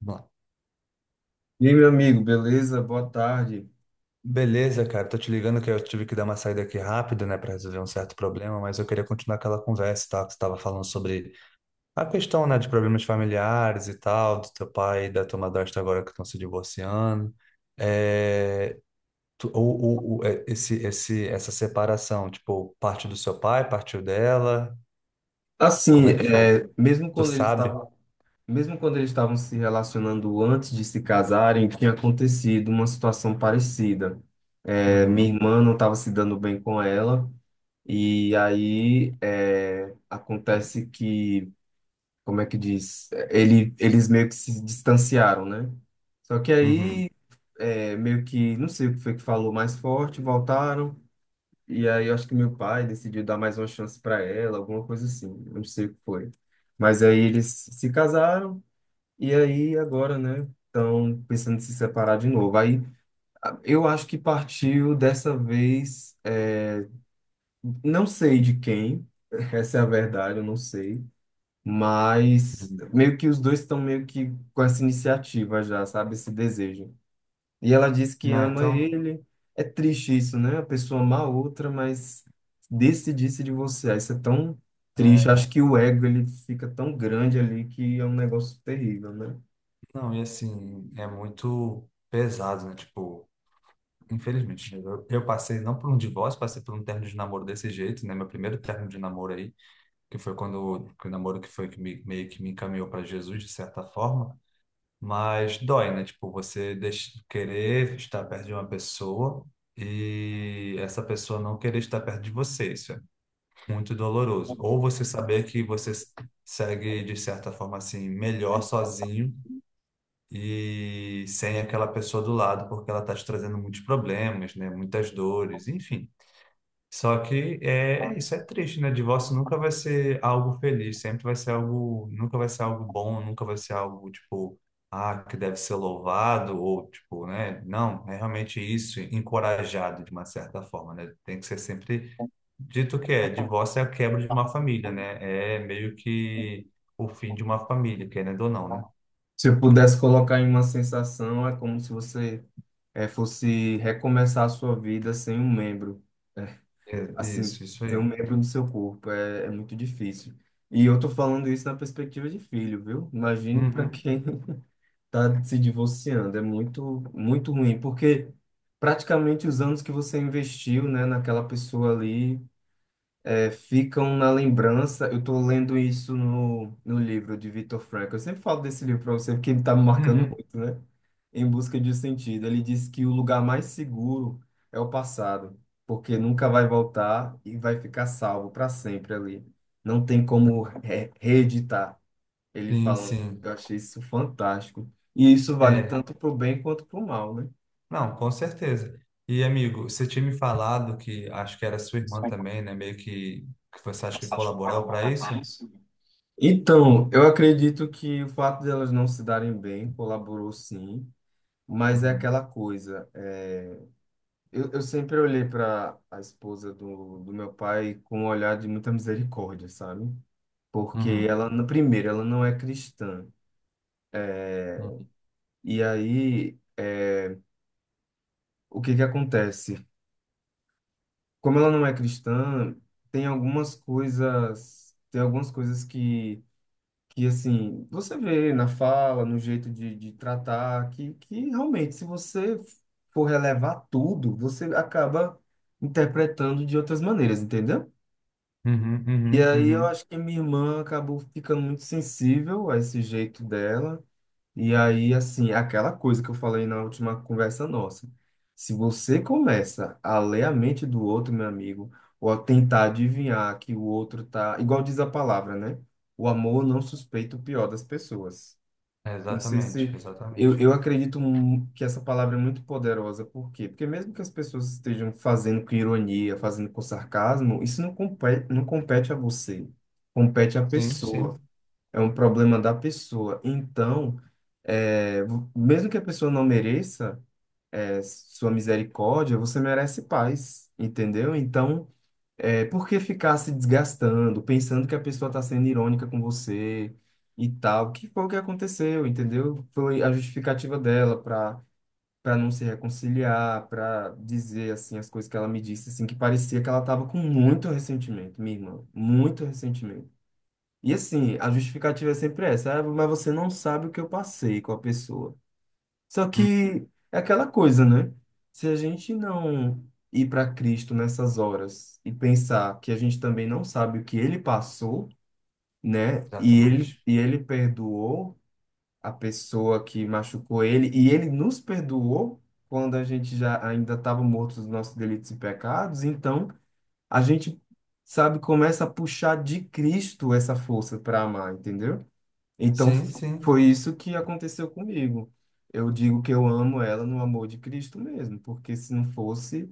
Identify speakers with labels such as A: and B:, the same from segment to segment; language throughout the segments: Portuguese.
A: Bom.
B: E aí, meu amigo, beleza? Boa tarde.
A: Beleza, cara. Tô te ligando que eu tive que dar uma saída aqui rápido, né, para resolver um certo problema, mas eu queria continuar aquela conversa, tá? Que você tava falando sobre a questão, né, de problemas familiares e tal, do teu pai e da tua madrasta agora que estão se divorciando. É, essa separação, tipo, parte do seu pai, partiu dela,
B: Assim,
A: como é que foi?
B: é, mesmo
A: Tu
B: quando eles
A: sabe?
B: estavam, mesmo quando eles estavam se relacionando antes de se casarem, tinha acontecido uma situação parecida. É, minha
A: Uhum,
B: irmã não estava se dando bem com ela, e aí é, acontece que, como é que diz? Eles meio que se distanciaram, né? Só que
A: uhum,
B: aí, é, meio que, não sei o que foi que falou mais forte, voltaram. E aí eu acho que meu pai decidiu dar mais uma chance para ela, alguma coisa assim, não sei o que foi. Mas aí eles se casaram e aí agora, né, estão pensando em se separar de novo. Aí eu acho que partiu dessa vez, é, não sei de quem, essa é a verdade, eu não sei. Mas
A: uhum.
B: meio que os dois estão meio que com essa iniciativa já, sabe, esse desejo. E ela diz que
A: Ah,
B: ama
A: então,
B: ele. É triste isso, né? A pessoa ama a outra, mas decidir-se de você. Ah, isso é tão triste.
A: é,
B: Acho que o ego ele fica tão grande ali que é um negócio terrível, né?
A: não, e assim, é muito pesado, né, tipo. Infelizmente, eu passei não por um divórcio, passei por um término de namoro desse jeito, né? Meu primeiro término de namoro aí, que foi quando que o namoro que foi que me, meio que me encaminhou para Jesus de certa forma, mas dói, né? Tipo, você deixa, querer estar perto de uma pessoa e essa pessoa não querer estar perto de você, isso é muito doloroso. Ou você saber que segue de certa forma assim melhor sozinho e sem aquela pessoa do lado, porque ela está te trazendo muitos problemas, né? Muitas dores, enfim. Só que é, é isso, é triste, né? Divórcio nunca vai ser algo feliz, sempre vai ser algo, nunca vai ser algo bom, nunca vai ser algo tipo, ah, que deve ser louvado ou tipo, né? Não, é realmente isso, encorajado de uma certa forma, né? Tem que ser sempre dito que é, divórcio é a quebra de uma família, né? É meio que o fim de uma família, querendo ou não, né?
B: Se eu pudesse colocar em uma sensação, é como se você fosse recomeçar a sua vida sem um membro,
A: É,
B: assim,
A: isso
B: sem um
A: aí.
B: membro do seu corpo. É, é muito difícil. E eu tô falando isso na perspectiva de filho, viu? Imagine para
A: Uhum.
B: quem tá se divorciando. É muito, muito ruim, porque praticamente os anos que você investiu, né, naquela pessoa ali, é, ficam na lembrança. Eu tô lendo isso no livro de Viktor Frankl. Eu sempre falo desse livro para você, porque ele tá me marcando
A: Uhum.
B: muito, né? Em busca de um sentido. Ele diz que o lugar mais seguro é o passado, porque nunca vai voltar e vai ficar salvo para sempre ali. Não tem como reeditar. Ele
A: Sim,
B: falando,
A: sim.
B: eu achei isso fantástico. E isso vale
A: É,
B: tanto para o bem quanto para o mal, né?
A: não, com certeza. E, amigo, você tinha me falado que acho que era sua irmã também, né? Meio que você acha que colaborou para isso?
B: Então, eu acredito que o fato de elas não se darem bem colaborou sim, mas é
A: Uhum.
B: aquela coisa. É, eu sempre olhei para a esposa do meu pai com um olhar de muita misericórdia, sabe? Porque
A: Uhum.
B: ela, na- primeiro, ela não é cristã.
A: Uhum.
B: E aí, é, o que que acontece? Como ela não é cristã, tem algumas coisas que assim, você vê na fala, no jeito de tratar, que realmente, se você for relevar tudo, você acaba interpretando de outras maneiras, entendeu?
A: Uhum.
B: E
A: Uhum.
B: aí eu
A: Uhum.
B: acho que minha irmã acabou ficando muito sensível a esse jeito dela. E aí, assim, aquela coisa que eu falei na última conversa nossa. Se você começa a ler a mente do outro, meu amigo, ou a tentar adivinhar que o outro tá, igual diz a palavra, né? O amor não suspeita o pior das pessoas.
A: É,
B: Não sei
A: exatamente,
B: se
A: exatamente.
B: eu acredito que essa palavra é muito poderosa, por quê? Porque mesmo que as pessoas estejam fazendo com ironia, fazendo com sarcasmo, isso não compete, não compete a você, compete à
A: Sim,
B: pessoa,
A: sim.
B: é um problema da pessoa. Então, é, mesmo que a pessoa não mereça, é, sua misericórdia, você merece paz, entendeu? Então, é, por que ficar se desgastando, pensando que a pessoa está sendo irônica com você e tal? Que foi o que aconteceu, entendeu? Foi a justificativa dela para não se reconciliar, para dizer assim as coisas que ela me disse, assim que parecia que ela estava com muito ressentimento, minha irmã, muito ressentimento. E assim, a justificativa é sempre essa, "Ah, mas você não sabe o que eu passei com a pessoa." Só
A: Hum.
B: que é aquela coisa, né? Se a gente não ir para Cristo nessas horas e pensar que a gente também não sabe o que ele passou, né?
A: Exatamente.
B: E ele perdoou a pessoa que machucou ele, e ele nos perdoou quando a gente já ainda estava morto dos nossos delitos e pecados, então a gente, sabe, começa a puxar de Cristo essa força para amar, entendeu? Então,
A: Sim, sim.
B: foi isso que aconteceu comigo. Eu digo que eu amo ela no amor de Cristo mesmo, porque se não fosse,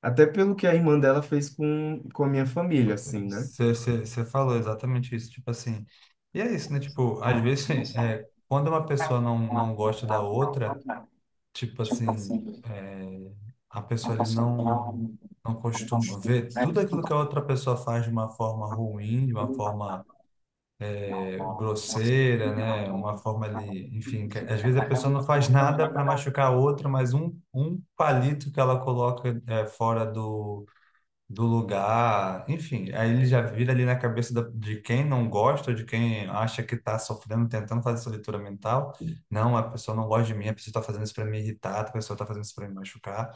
B: até pelo que a irmã dela fez com a minha família, assim, né?
A: Você falou exatamente isso. Tipo assim. E é isso, né? Tipo, às vezes, é, quando uma pessoa não, não gosta da outra. Tipo assim, é, a pessoa ele não, não costuma ver tudo aquilo que a outra pessoa faz de uma forma ruim, de uma forma é, grosseira, né? Uma forma ali, enfim, que às vezes a pessoa não faz nada para machucar a outra, mas um palito que ela coloca é, fora do do lugar, enfim, aí ele já vira ali na cabeça de quem não gosta, de quem acha que está sofrendo, tentando fazer essa leitura mental. Não, a pessoa não gosta de mim, a pessoa está fazendo isso para me irritar, a pessoa está fazendo isso para me machucar.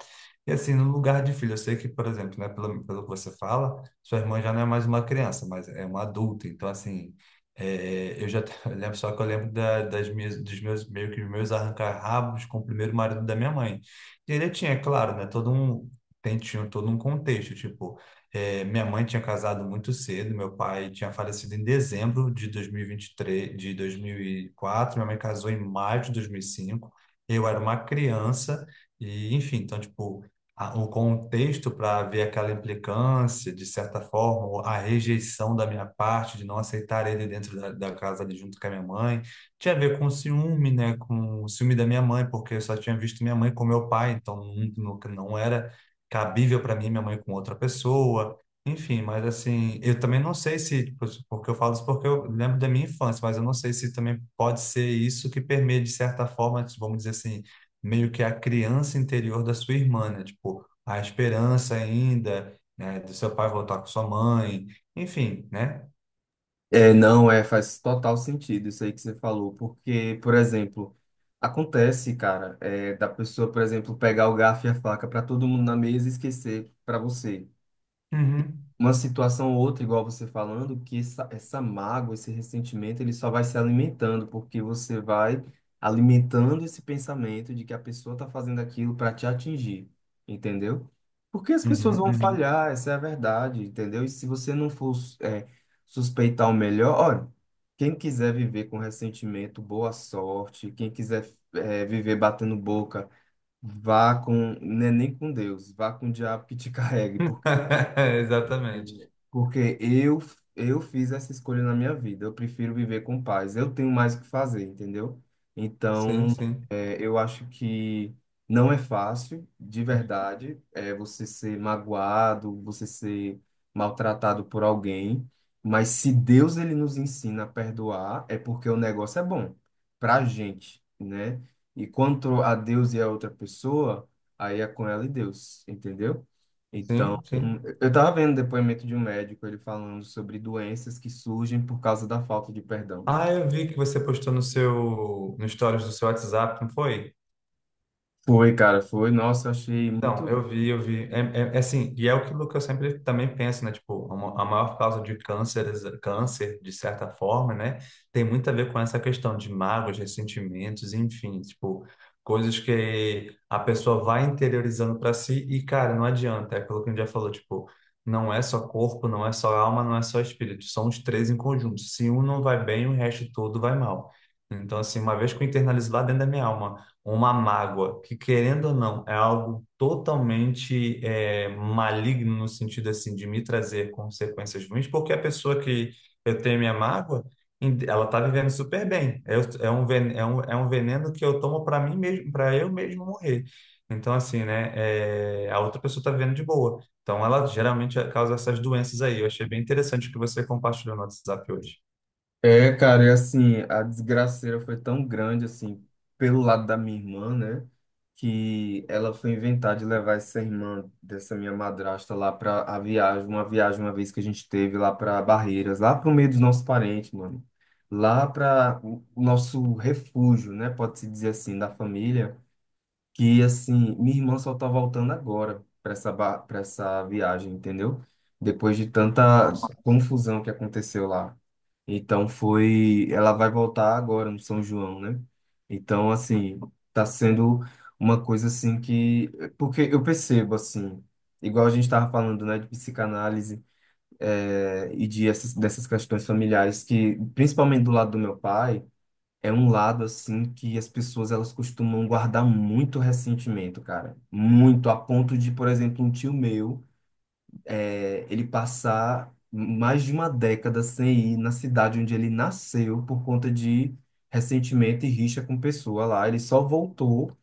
A: E assim, no lugar de filho, eu sei que, por exemplo, né, pelo, pelo que você fala, sua irmã já não é mais uma criança, mas é uma adulta. Então, assim, é, eu já eu lembro, só que eu lembro da, das minhas, dos meus, meio que os meus arrancar-rabos com o primeiro marido da minha mãe. E ele tinha, claro, né, tinha todo um contexto, tipo, minha mãe tinha casado muito cedo, meu pai tinha falecido em dezembro de 2023, de 2004, minha mãe casou em maio de 2005, eu era uma criança, e enfim, então, tipo, o contexto para ver aquela implicância, de certa forma, ou a rejeição da minha parte, de não aceitar ele dentro da, da casa ali junto com a minha mãe, tinha a ver com ciúme, né? Com o ciúme da minha mãe, porque eu só tinha visto minha mãe com meu pai, então não era cabível para mim, minha mãe com outra pessoa, enfim, mas assim, eu também não sei se, tipo, porque eu falo isso porque eu lembro da minha infância, mas eu não sei se também pode ser isso que permeia, de certa forma, vamos dizer assim, meio que a criança interior da sua irmã, né? Tipo, a esperança ainda, né, do seu pai voltar com sua mãe, enfim, né?
B: É, não, é, faz total sentido isso aí que você falou, porque, por exemplo, acontece, cara, é, da pessoa, por exemplo, pegar o garfo e a faca para todo mundo na mesa e esquecer para você.
A: Uhum,
B: Uma situação ou outra, igual você falando, que essa mágoa, esse ressentimento, ele só vai se alimentando, porque você vai alimentando esse pensamento de que a pessoa está fazendo aquilo para te atingir, entendeu? Porque as
A: uhum,
B: pessoas vão
A: uhum.
B: falhar, essa é a verdade, entendeu? E se você não for, é, suspeitar o melhor, olha, quem quiser viver com ressentimento, boa sorte, quem quiser, é, viver batendo boca, vá com, né, nem com Deus, vá com o diabo que te carregue,
A: Exatamente.
B: porque eu fiz essa escolha na minha vida. Eu prefiro viver com paz. Eu tenho mais o que fazer, entendeu?
A: Sim,
B: Então,
A: sim,
B: é, eu acho que não é fácil, de verdade, é, você ser magoado, você ser maltratado por alguém. Mas se Deus ele nos ensina a perdoar, é porque o negócio é bom pra gente, né? E quanto a Deus e a outra pessoa, aí é com ela e Deus, entendeu? Então.
A: sim, sim.
B: Eu estava vendo depoimento de um médico, ele falando sobre doenças que surgem por causa da falta de perdão.
A: Ah, eu vi que você postou no seu, no stories do seu WhatsApp, não foi?
B: Foi, cara, foi. Nossa, eu achei
A: Então,
B: muito.
A: eu vi, eu vi. É, é assim, e é aquilo que eu sempre também penso, né? Tipo, a maior causa de cânceres, câncer, de certa forma, né? Tem muito a ver com essa questão de mágoas, ressentimentos, enfim, tipo, coisas que a pessoa vai interiorizando para si e, cara, não adianta. É aquilo que a gente já falou, tipo, não é só corpo, não é só alma, não é só espírito. São os três em conjunto. Se um não vai bem, o resto todo vai mal. Então, assim, uma vez que eu internalizo lá dentro da minha alma, uma mágoa, que querendo ou não, é algo totalmente é, maligno no sentido assim de me trazer consequências ruins, porque a pessoa que eu tenho minha mágoa, ela está vivendo super bem. É, é um veneno que eu tomo para mim mesmo, para eu mesmo morrer. Então, assim, né, é, a outra pessoa está vivendo de boa. Então, ela geralmente causa essas doenças aí. Eu achei bem interessante o que você compartilhou no WhatsApp hoje.
B: É, cara, e assim, a desgraceira foi tão grande, assim, pelo lado da minha irmã, né? Que ela foi inventar de levar essa irmã dessa minha madrasta lá pra a viagem uma vez que a gente teve lá pra Barreiras, lá pro meio dos nossos parentes, mano. Lá para o nosso refúgio, né? Pode-se dizer assim, da família. Que assim, minha irmã só tá voltando agora para essa viagem, entendeu? Depois de tanta
A: Nossa.
B: confusão que aconteceu lá. Então foi, ela vai voltar agora no São João, né? Então assim, tá sendo uma coisa assim que porque eu percebo assim, igual a gente tava falando, né, de psicanálise, e de essas, dessas questões familiares que, principalmente do lado do meu pai, é um lado assim que as pessoas elas costumam guardar muito ressentimento, cara. Muito, a ponto de, por exemplo, um tio meu, é, ele passar mais de uma década sem ir na cidade onde ele nasceu por conta de ressentimento e rixa com pessoa lá. Ele só voltou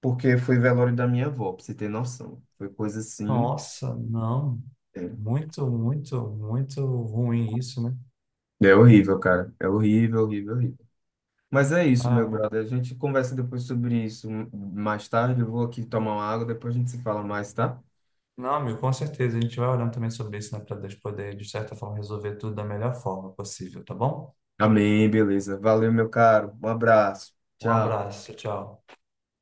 B: porque foi velório da minha avó, pra você ter noção. Foi coisa assim.
A: Nossa, não.
B: É,
A: Muito, muito, muito ruim isso, né?
B: é horrível, cara. É horrível, horrível, horrível. Mas é isso,
A: Ah,
B: meu
A: amigo.
B: brother. A gente conversa depois sobre isso mais tarde. Eu vou aqui tomar uma água, depois a gente se fala mais, tá?
A: Não, amigo, com certeza. A gente vai orando também sobre isso, né? Para Deus poder, de certa forma, resolver tudo da melhor forma possível, tá bom?
B: Amém, beleza. Valeu, meu caro. Um abraço.
A: Um
B: Tchau.
A: abraço, tchau.